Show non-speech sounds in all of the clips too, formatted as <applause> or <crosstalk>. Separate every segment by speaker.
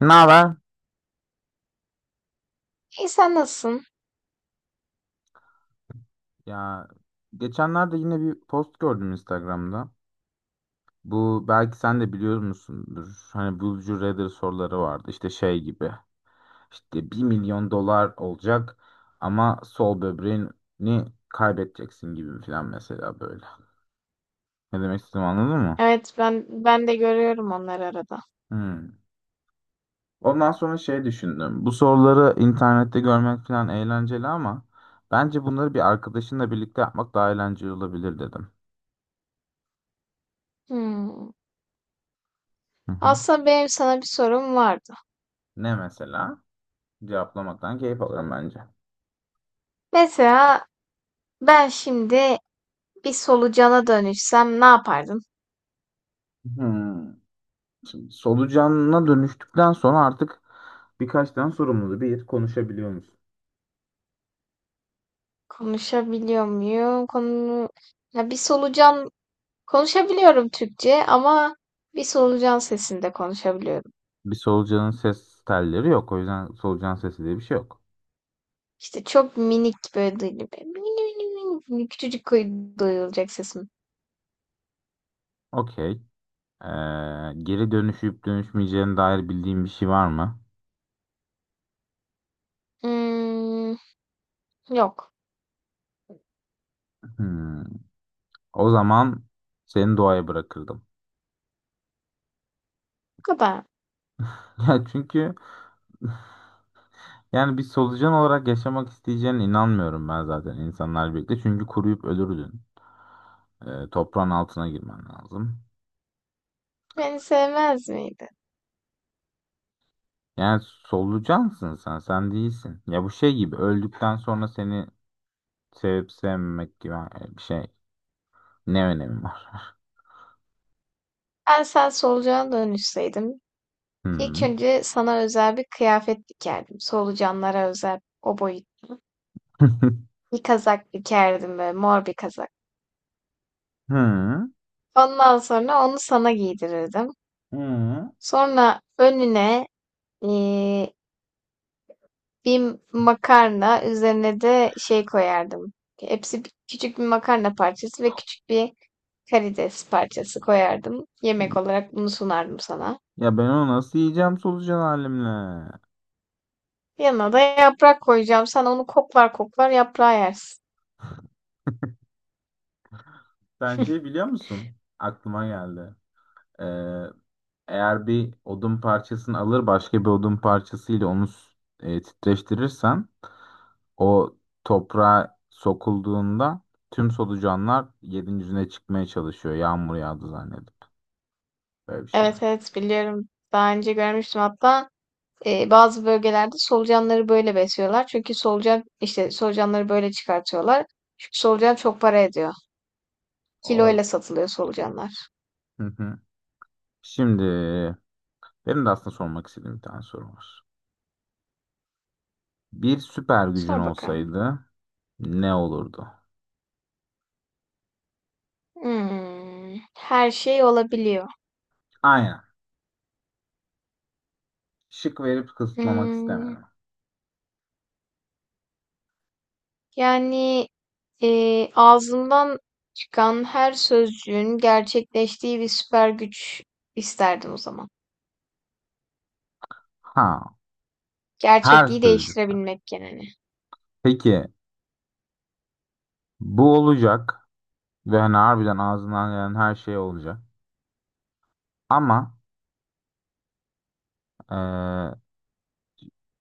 Speaker 1: Ne haber?
Speaker 2: İyi sen nasılsın?
Speaker 1: Ya geçenlerde yine bir post gördüm Instagram'da. Bu belki sen de biliyor musundur. Hani Would you rather soruları vardı. İşte şey gibi. İşte 1 milyon dolar olacak ama sol böbreğini kaybedeceksin gibi falan mesela böyle. Ne demek istedim, anladın mı?
Speaker 2: Evet ben de görüyorum onları arada.
Speaker 1: Hmm. Ondan sonra şey düşündüm. Bu soruları internette görmek falan eğlenceli ama bence bunları bir arkadaşınla birlikte yapmak daha eğlenceli olabilir dedim.
Speaker 2: Hmm.
Speaker 1: Hı hı.
Speaker 2: Aslında benim sana bir sorum vardı.
Speaker 1: Ne mesela? Cevaplamaktan keyif alırım bence.
Speaker 2: Mesela ben şimdi bir solucana dönüşsem ne yapardım?
Speaker 1: Hmm. Şimdi solucanına dönüştükten sonra artık birkaç tane sorumluluğu bir konuşabiliyor musun?
Speaker 2: Konuşabiliyor muyum? Konu ya bir solucan konuşabiliyorum Türkçe ama bir solucan sesinde konuşabiliyorum.
Speaker 1: Bir solucanın ses telleri yok. O yüzden solucan sesi diye bir şey yok.
Speaker 2: İşte çok minik böyle duyuluyor. Mini mini mini mini küçücük kuy- duyulacak sesim.
Speaker 1: Okey. Ee, geri dönüşüp dönüşmeyeceğine dair bildiğin bir şey var mı?
Speaker 2: Hmm, yok.
Speaker 1: Hmm. O zaman seni doğaya bırakırdım.
Speaker 2: Bu kadar.
Speaker 1: <laughs> Ya çünkü yani bir solucan olarak yaşamak isteyeceğine inanmıyorum ben zaten insanlar birlikte. Çünkü kuruyup ölürdün. Toprağın altına girmen lazım.
Speaker 2: Beni sevmez miydi?
Speaker 1: Yani solucansın sen, sen değilsin. Ya bu şey gibi öldükten sonra seni sevip sevmemek gibi bir şey. Ne önemi var?
Speaker 2: Ben sen solucana dönüşseydim ilk
Speaker 1: Hı.
Speaker 2: önce sana özel bir kıyafet dikerdim. Solucanlara özel o boyut
Speaker 1: <laughs>
Speaker 2: bir kazak dikerdim böyle mor bir kazak.
Speaker 1: Hı.
Speaker 2: Ondan sonra onu sana giydirirdim.
Speaker 1: Hı.
Speaker 2: Sonra önüne eee, bir makarna üzerine de şey koyardım. Küçük bir makarna parçası ve küçük bir karides parçası koyardım. Yemek olarak bunu sunardım sana.
Speaker 1: Ya ben onu nasıl yiyeceğim solucan halimle?
Speaker 2: Yanına da yaprak koyacağım. Sen onu koklar koklar yaprağı yersin.
Speaker 1: Sen şey
Speaker 2: <laughs>
Speaker 1: biliyor musun? Aklıma geldi. Ee, eğer bir odun parçasını alır başka bir odun parçasıyla onu titreştirirsen o toprağa sokulduğunda tüm solucanlar yerin yüzüne çıkmaya çalışıyor. Yağmur yağdı zannedip. Böyle bir şey
Speaker 2: Evet
Speaker 1: var.
Speaker 2: evet biliyorum. Daha önce görmüştüm hatta bazı bölgelerde solucanları böyle besliyorlar. Çünkü solucan işte solucanları böyle çıkartıyorlar. Çünkü solucan çok para ediyor.
Speaker 1: Abi.
Speaker 2: Kiloyla satılıyor solucanlar.
Speaker 1: Hı hı. Şimdi benim de aslında sormak istediğim bir tane soru var. Bir süper gücün
Speaker 2: Sor bakalım.
Speaker 1: olsaydı ne olurdu?
Speaker 2: Her şey olabiliyor.
Speaker 1: Aynen. Şık verip kısıtlamak
Speaker 2: Hmm,
Speaker 1: istemedim.
Speaker 2: Yani ağzımdan çıkan her sözcüğün gerçekleştiği bir süper güç isterdim o zaman.
Speaker 1: Ha, her
Speaker 2: Gerçekliği
Speaker 1: sözcük.
Speaker 2: değiştirebilmek yani.
Speaker 1: Peki bu olacak ve hani harbiden ağzından gelen her şey olacak. Ama eee,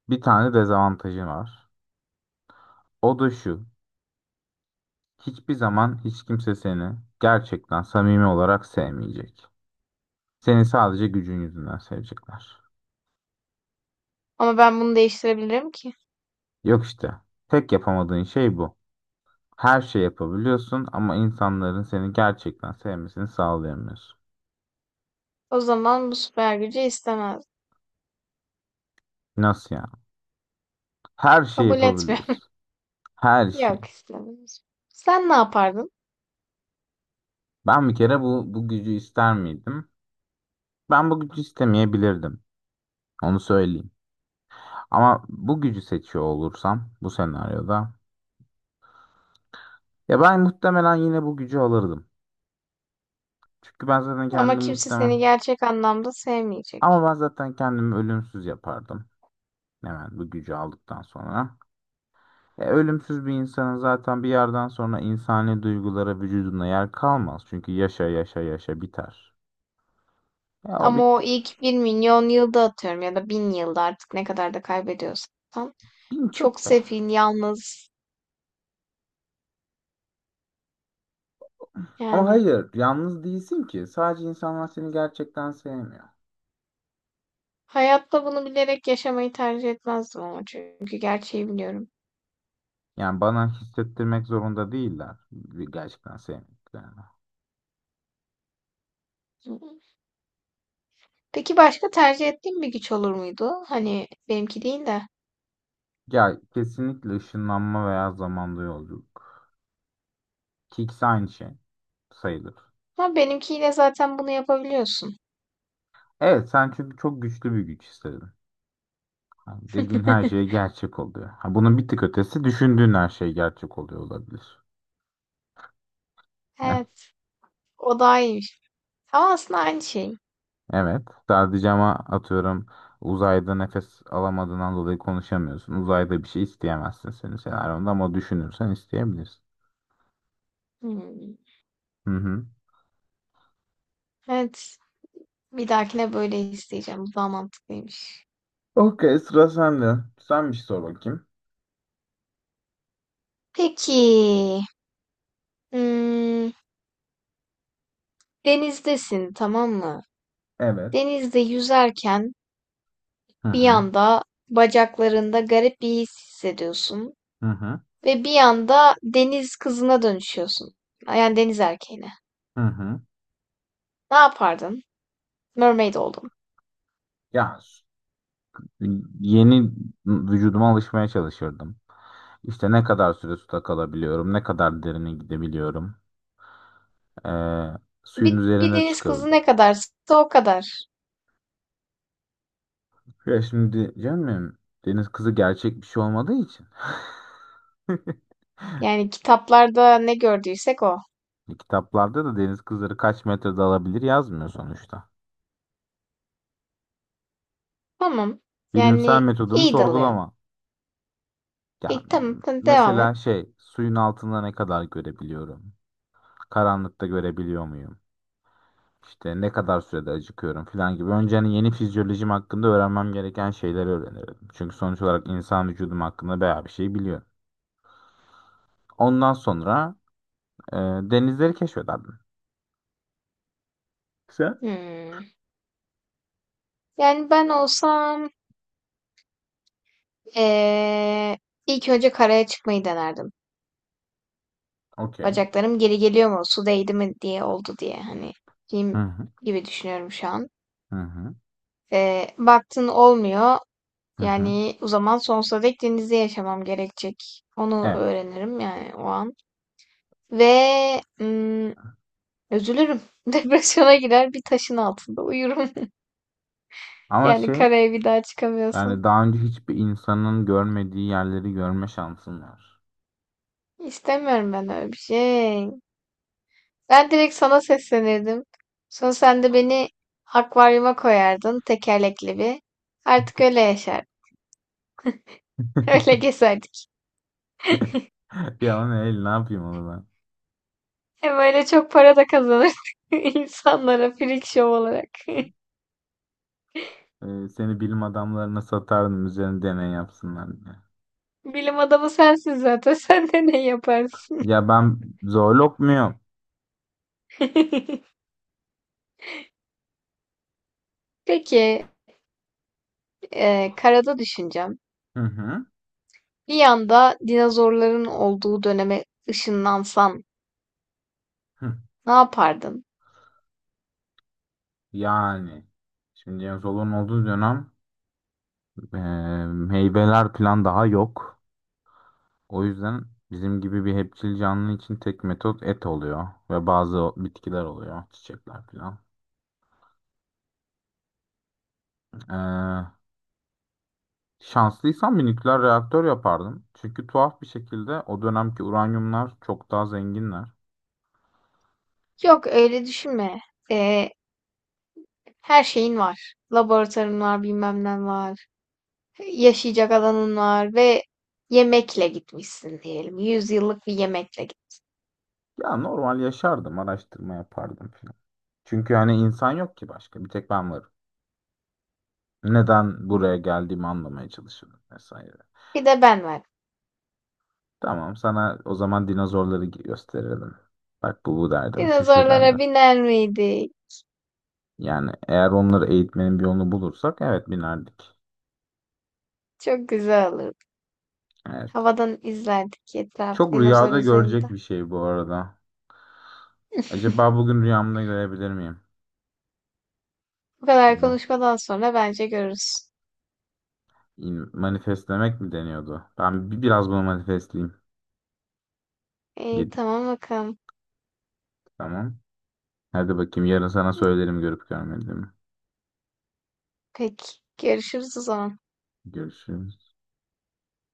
Speaker 1: bir tane dezavantajı var. O da şu. Hiçbir zaman hiç kimse seni gerçekten samimi olarak sevmeyecek. Seni sadece gücün yüzünden sevecekler.
Speaker 2: Ama ben bunu değiştirebilirim ki.
Speaker 1: Yok işte. Tek yapamadığın şey bu. Her şey yapabiliyorsun ama insanların seni gerçekten sevmesini sağlayamıyorsun.
Speaker 2: O zaman bu süper gücü istemez.
Speaker 1: Nasıl yani? Her şeyi
Speaker 2: Kabul etmiyorum.
Speaker 1: yapabiliyorsun. Her
Speaker 2: <laughs>
Speaker 1: şey.
Speaker 2: Yok, istemem. Sen ne yapardın?
Speaker 1: Ben bir kere bu gücü ister miydim? Ben bu gücü istemeyebilirdim. Onu söyleyeyim. Ama bu gücü seçiyor olursam bu senaryoda ya ben muhtemelen yine bu gücü alırdım. Çünkü ben zaten
Speaker 2: Ama
Speaker 1: kendimi
Speaker 2: kimse
Speaker 1: muhtemel.
Speaker 2: seni gerçek anlamda
Speaker 1: Ama
Speaker 2: sevmeyecek.
Speaker 1: ben zaten kendimi ölümsüz yapardım. Hemen bu gücü aldıktan sonra. Ölümsüz bir insanın zaten bir yerden sonra insani duygulara vücuduna yer kalmaz. Çünkü yaşa yaşa yaşa biter. Ya o
Speaker 2: Ama o
Speaker 1: bitti.
Speaker 2: ilk 1 milyon yılda atıyorum ya da bin yılda artık ne kadar da kaybediyorsan.
Speaker 1: Bin
Speaker 2: Çok
Speaker 1: çok be.
Speaker 2: sefil, yalnız
Speaker 1: Ama
Speaker 2: yani.
Speaker 1: hayır, yalnız değilsin ki. Sadece insanlar seni gerçekten sevmiyor.
Speaker 2: Hayatta bunu bilerek yaşamayı tercih etmezdim ama çünkü gerçeği biliyorum.
Speaker 1: Yani bana hissettirmek zorunda değiller. Gerçekten sevmediklerini.
Speaker 2: Peki başka tercih ettiğin bir güç olur muydu? Hani benimki değil de.
Speaker 1: Ya kesinlikle ışınlanma veya zamanda yolculuk. Ki ikisi aynı şey sayılır.
Speaker 2: Ama benimkiyle zaten bunu yapabiliyorsun.
Speaker 1: Evet sen çünkü çok güçlü bir güç istedin. Yani dediğin her şey
Speaker 2: <laughs>
Speaker 1: gerçek oluyor. Ha, bunun bir tık ötesi düşündüğün her şey gerçek oluyor olabilir. Heh,
Speaker 2: Evet. O daha iyiymiş. Ama aslında aynı şey.
Speaker 1: evet sadece ama atıyorum uzayda nefes alamadığından dolayı konuşamıyorsun. Uzayda bir şey isteyemezsin senin senaryonda ama düşünürsen isteyebilirsin.
Speaker 2: Hmm.
Speaker 1: Hı hı.
Speaker 2: Evet. Bir dahakine böyle isteyeceğim. Bu daha mantıklıymış.
Speaker 1: Okey, sıra sende. Sen bir şey sor bakayım.
Speaker 2: Peki. Hmm, Denizdesin, tamam mı?
Speaker 1: Evet.
Speaker 2: Denizde yüzerken
Speaker 1: Hı
Speaker 2: bir
Speaker 1: hı.
Speaker 2: anda bacaklarında garip bir his hissediyorsun
Speaker 1: Hı hı.
Speaker 2: ve bir anda deniz kızına dönüşüyorsun. Yani deniz erkeğine.
Speaker 1: Hı hı.
Speaker 2: Ne yapardın? Mermaid oldun.
Speaker 1: Ya yeni vücuduma alışmaya çalışırdım. İşte ne kadar süre suda kalabiliyorum, ne kadar derine gidebiliyorum, eee, suyun
Speaker 2: Bir
Speaker 1: üzerine
Speaker 2: deniz kızı ne
Speaker 1: çıkabiliyorum.
Speaker 2: kadarsa o kadar.
Speaker 1: Ya şimdi canım deniz kızı gerçek bir şey olmadığı için. <laughs>
Speaker 2: Yani kitaplarda ne gördüysek o.
Speaker 1: Kitaplarda da deniz kızları kaç metre dalabilir yazmıyor sonuçta.
Speaker 2: Tamam.
Speaker 1: Bilimsel
Speaker 2: Yani
Speaker 1: metodumu
Speaker 2: iyi dalıyorsun.
Speaker 1: sorgulama. Ya
Speaker 2: İyi, tamam, tamam, devam et.
Speaker 1: mesela şey suyun altında ne kadar görebiliyorum? Karanlıkta görebiliyor muyum? İşte ne kadar sürede acıkıyorum falan gibi. Önce hani yeni fizyolojim hakkında öğrenmem gereken şeyleri öğrenirim. Çünkü sonuç olarak insan vücudum hakkında bayağı bir şey biliyorum. Ondan sonra e, denizleri keşfederdim. Sen?
Speaker 2: Hmm. Yani ben olsam eee, ilk önce karaya çıkmayı denerdim.
Speaker 1: Okey.
Speaker 2: Bacaklarım geri geliyor mu? Su değdi mi diye oldu diye hani
Speaker 1: Hı
Speaker 2: film
Speaker 1: hı
Speaker 2: gibi düşünüyorum şu an.
Speaker 1: hı hı
Speaker 2: Baktın olmuyor.
Speaker 1: hı hı.
Speaker 2: Yani o zaman sonsuza dek denizde yaşamam gerekecek. Onu
Speaker 1: Evet.
Speaker 2: öğrenirim yani o an. Ve üzülürüm. <laughs> Depresyona girer bir taşın altında uyurum. <laughs>
Speaker 1: Ama
Speaker 2: Yani
Speaker 1: şey
Speaker 2: karaya bir daha çıkamıyorsam.
Speaker 1: yani daha önce hiçbir insanın görmediği yerleri görme şansın var.
Speaker 2: İstemiyorum ben öyle bir şey. Ben direkt sana seslenirdim. Sonra sen de beni akvaryuma koyardın tekerlekli bir. Artık öyle yaşardık. <laughs> Öyle gezerdik.
Speaker 1: <laughs> Ya o ne el ne yapayım onu
Speaker 2: Hem öyle çok para da kazanırdık <laughs> insanlara freak show olarak. <laughs>
Speaker 1: ben? Seni bilim adamlarına satardım üzerine deney yapsınlar diye.
Speaker 2: Bilim adamı sensin zaten. <laughs> Sen de ne yaparsın?
Speaker 1: Ya ben zoolog muyum?
Speaker 2: <laughs> Peki, karada düşüneceğim.
Speaker 1: Hı hı.
Speaker 2: Bir yanda dinozorların olduğu döneme ışınlansan
Speaker 1: Hı.
Speaker 2: ne yapardın?
Speaker 1: Yani şimdi James Hollo'nun olduğu dönem e, meyveler plan daha yok. O yüzden bizim gibi bir hepçil canlı için tek metot et oluyor ve bazı bitkiler oluyor, çiçekler falan. E, şanslıysam bir nükleer reaktör yapardım. Çünkü tuhaf bir şekilde o dönemki uranyumlar çok daha zenginler.
Speaker 2: Yok öyle düşünme. E, Her şeyin var. Laboratuvarın var, bilmem ne var. Yaşayacak alanın var ve yemekle gitmişsin diyelim. Yüzyıllık bir yemekle git.
Speaker 1: Ya normal yaşardım, araştırma yapardım falan. Çünkü hani insan yok ki başka, bir tek ben varım. Neden
Speaker 2: Hmm.
Speaker 1: buraya geldiğimi anlamaya çalışırdım vesaire.
Speaker 2: Bir de ben var.
Speaker 1: Tamam sana o zaman dinozorları gösterelim. Bak bu bu derdim, şu şu
Speaker 2: Dinozorlara
Speaker 1: derdim.
Speaker 2: biner miydik?
Speaker 1: Yani eğer onları eğitmenin bir yolunu bulursak evet binerdik.
Speaker 2: Çok güzel olurdu.
Speaker 1: Evet.
Speaker 2: Havadan izlerdik etraf
Speaker 1: Çok rüyada
Speaker 2: dinozor
Speaker 1: görecek
Speaker 2: üzerinde.
Speaker 1: bir şey bu arada. Acaba bugün rüyamda görebilir miyim?
Speaker 2: Bu kadar
Speaker 1: Bunu
Speaker 2: konuşmadan sonra bence görürüz.
Speaker 1: Manifestlemek mi deniyordu? Ben biraz bunu manifestleyeyim.
Speaker 2: İyi,
Speaker 1: Yedi-
Speaker 2: tamam bakalım.
Speaker 1: Tamam. Hadi bakayım yarın sana söylerim görüp görmediğimi.
Speaker 2: Peki, görüşürüz o zaman.
Speaker 1: Görüşürüz.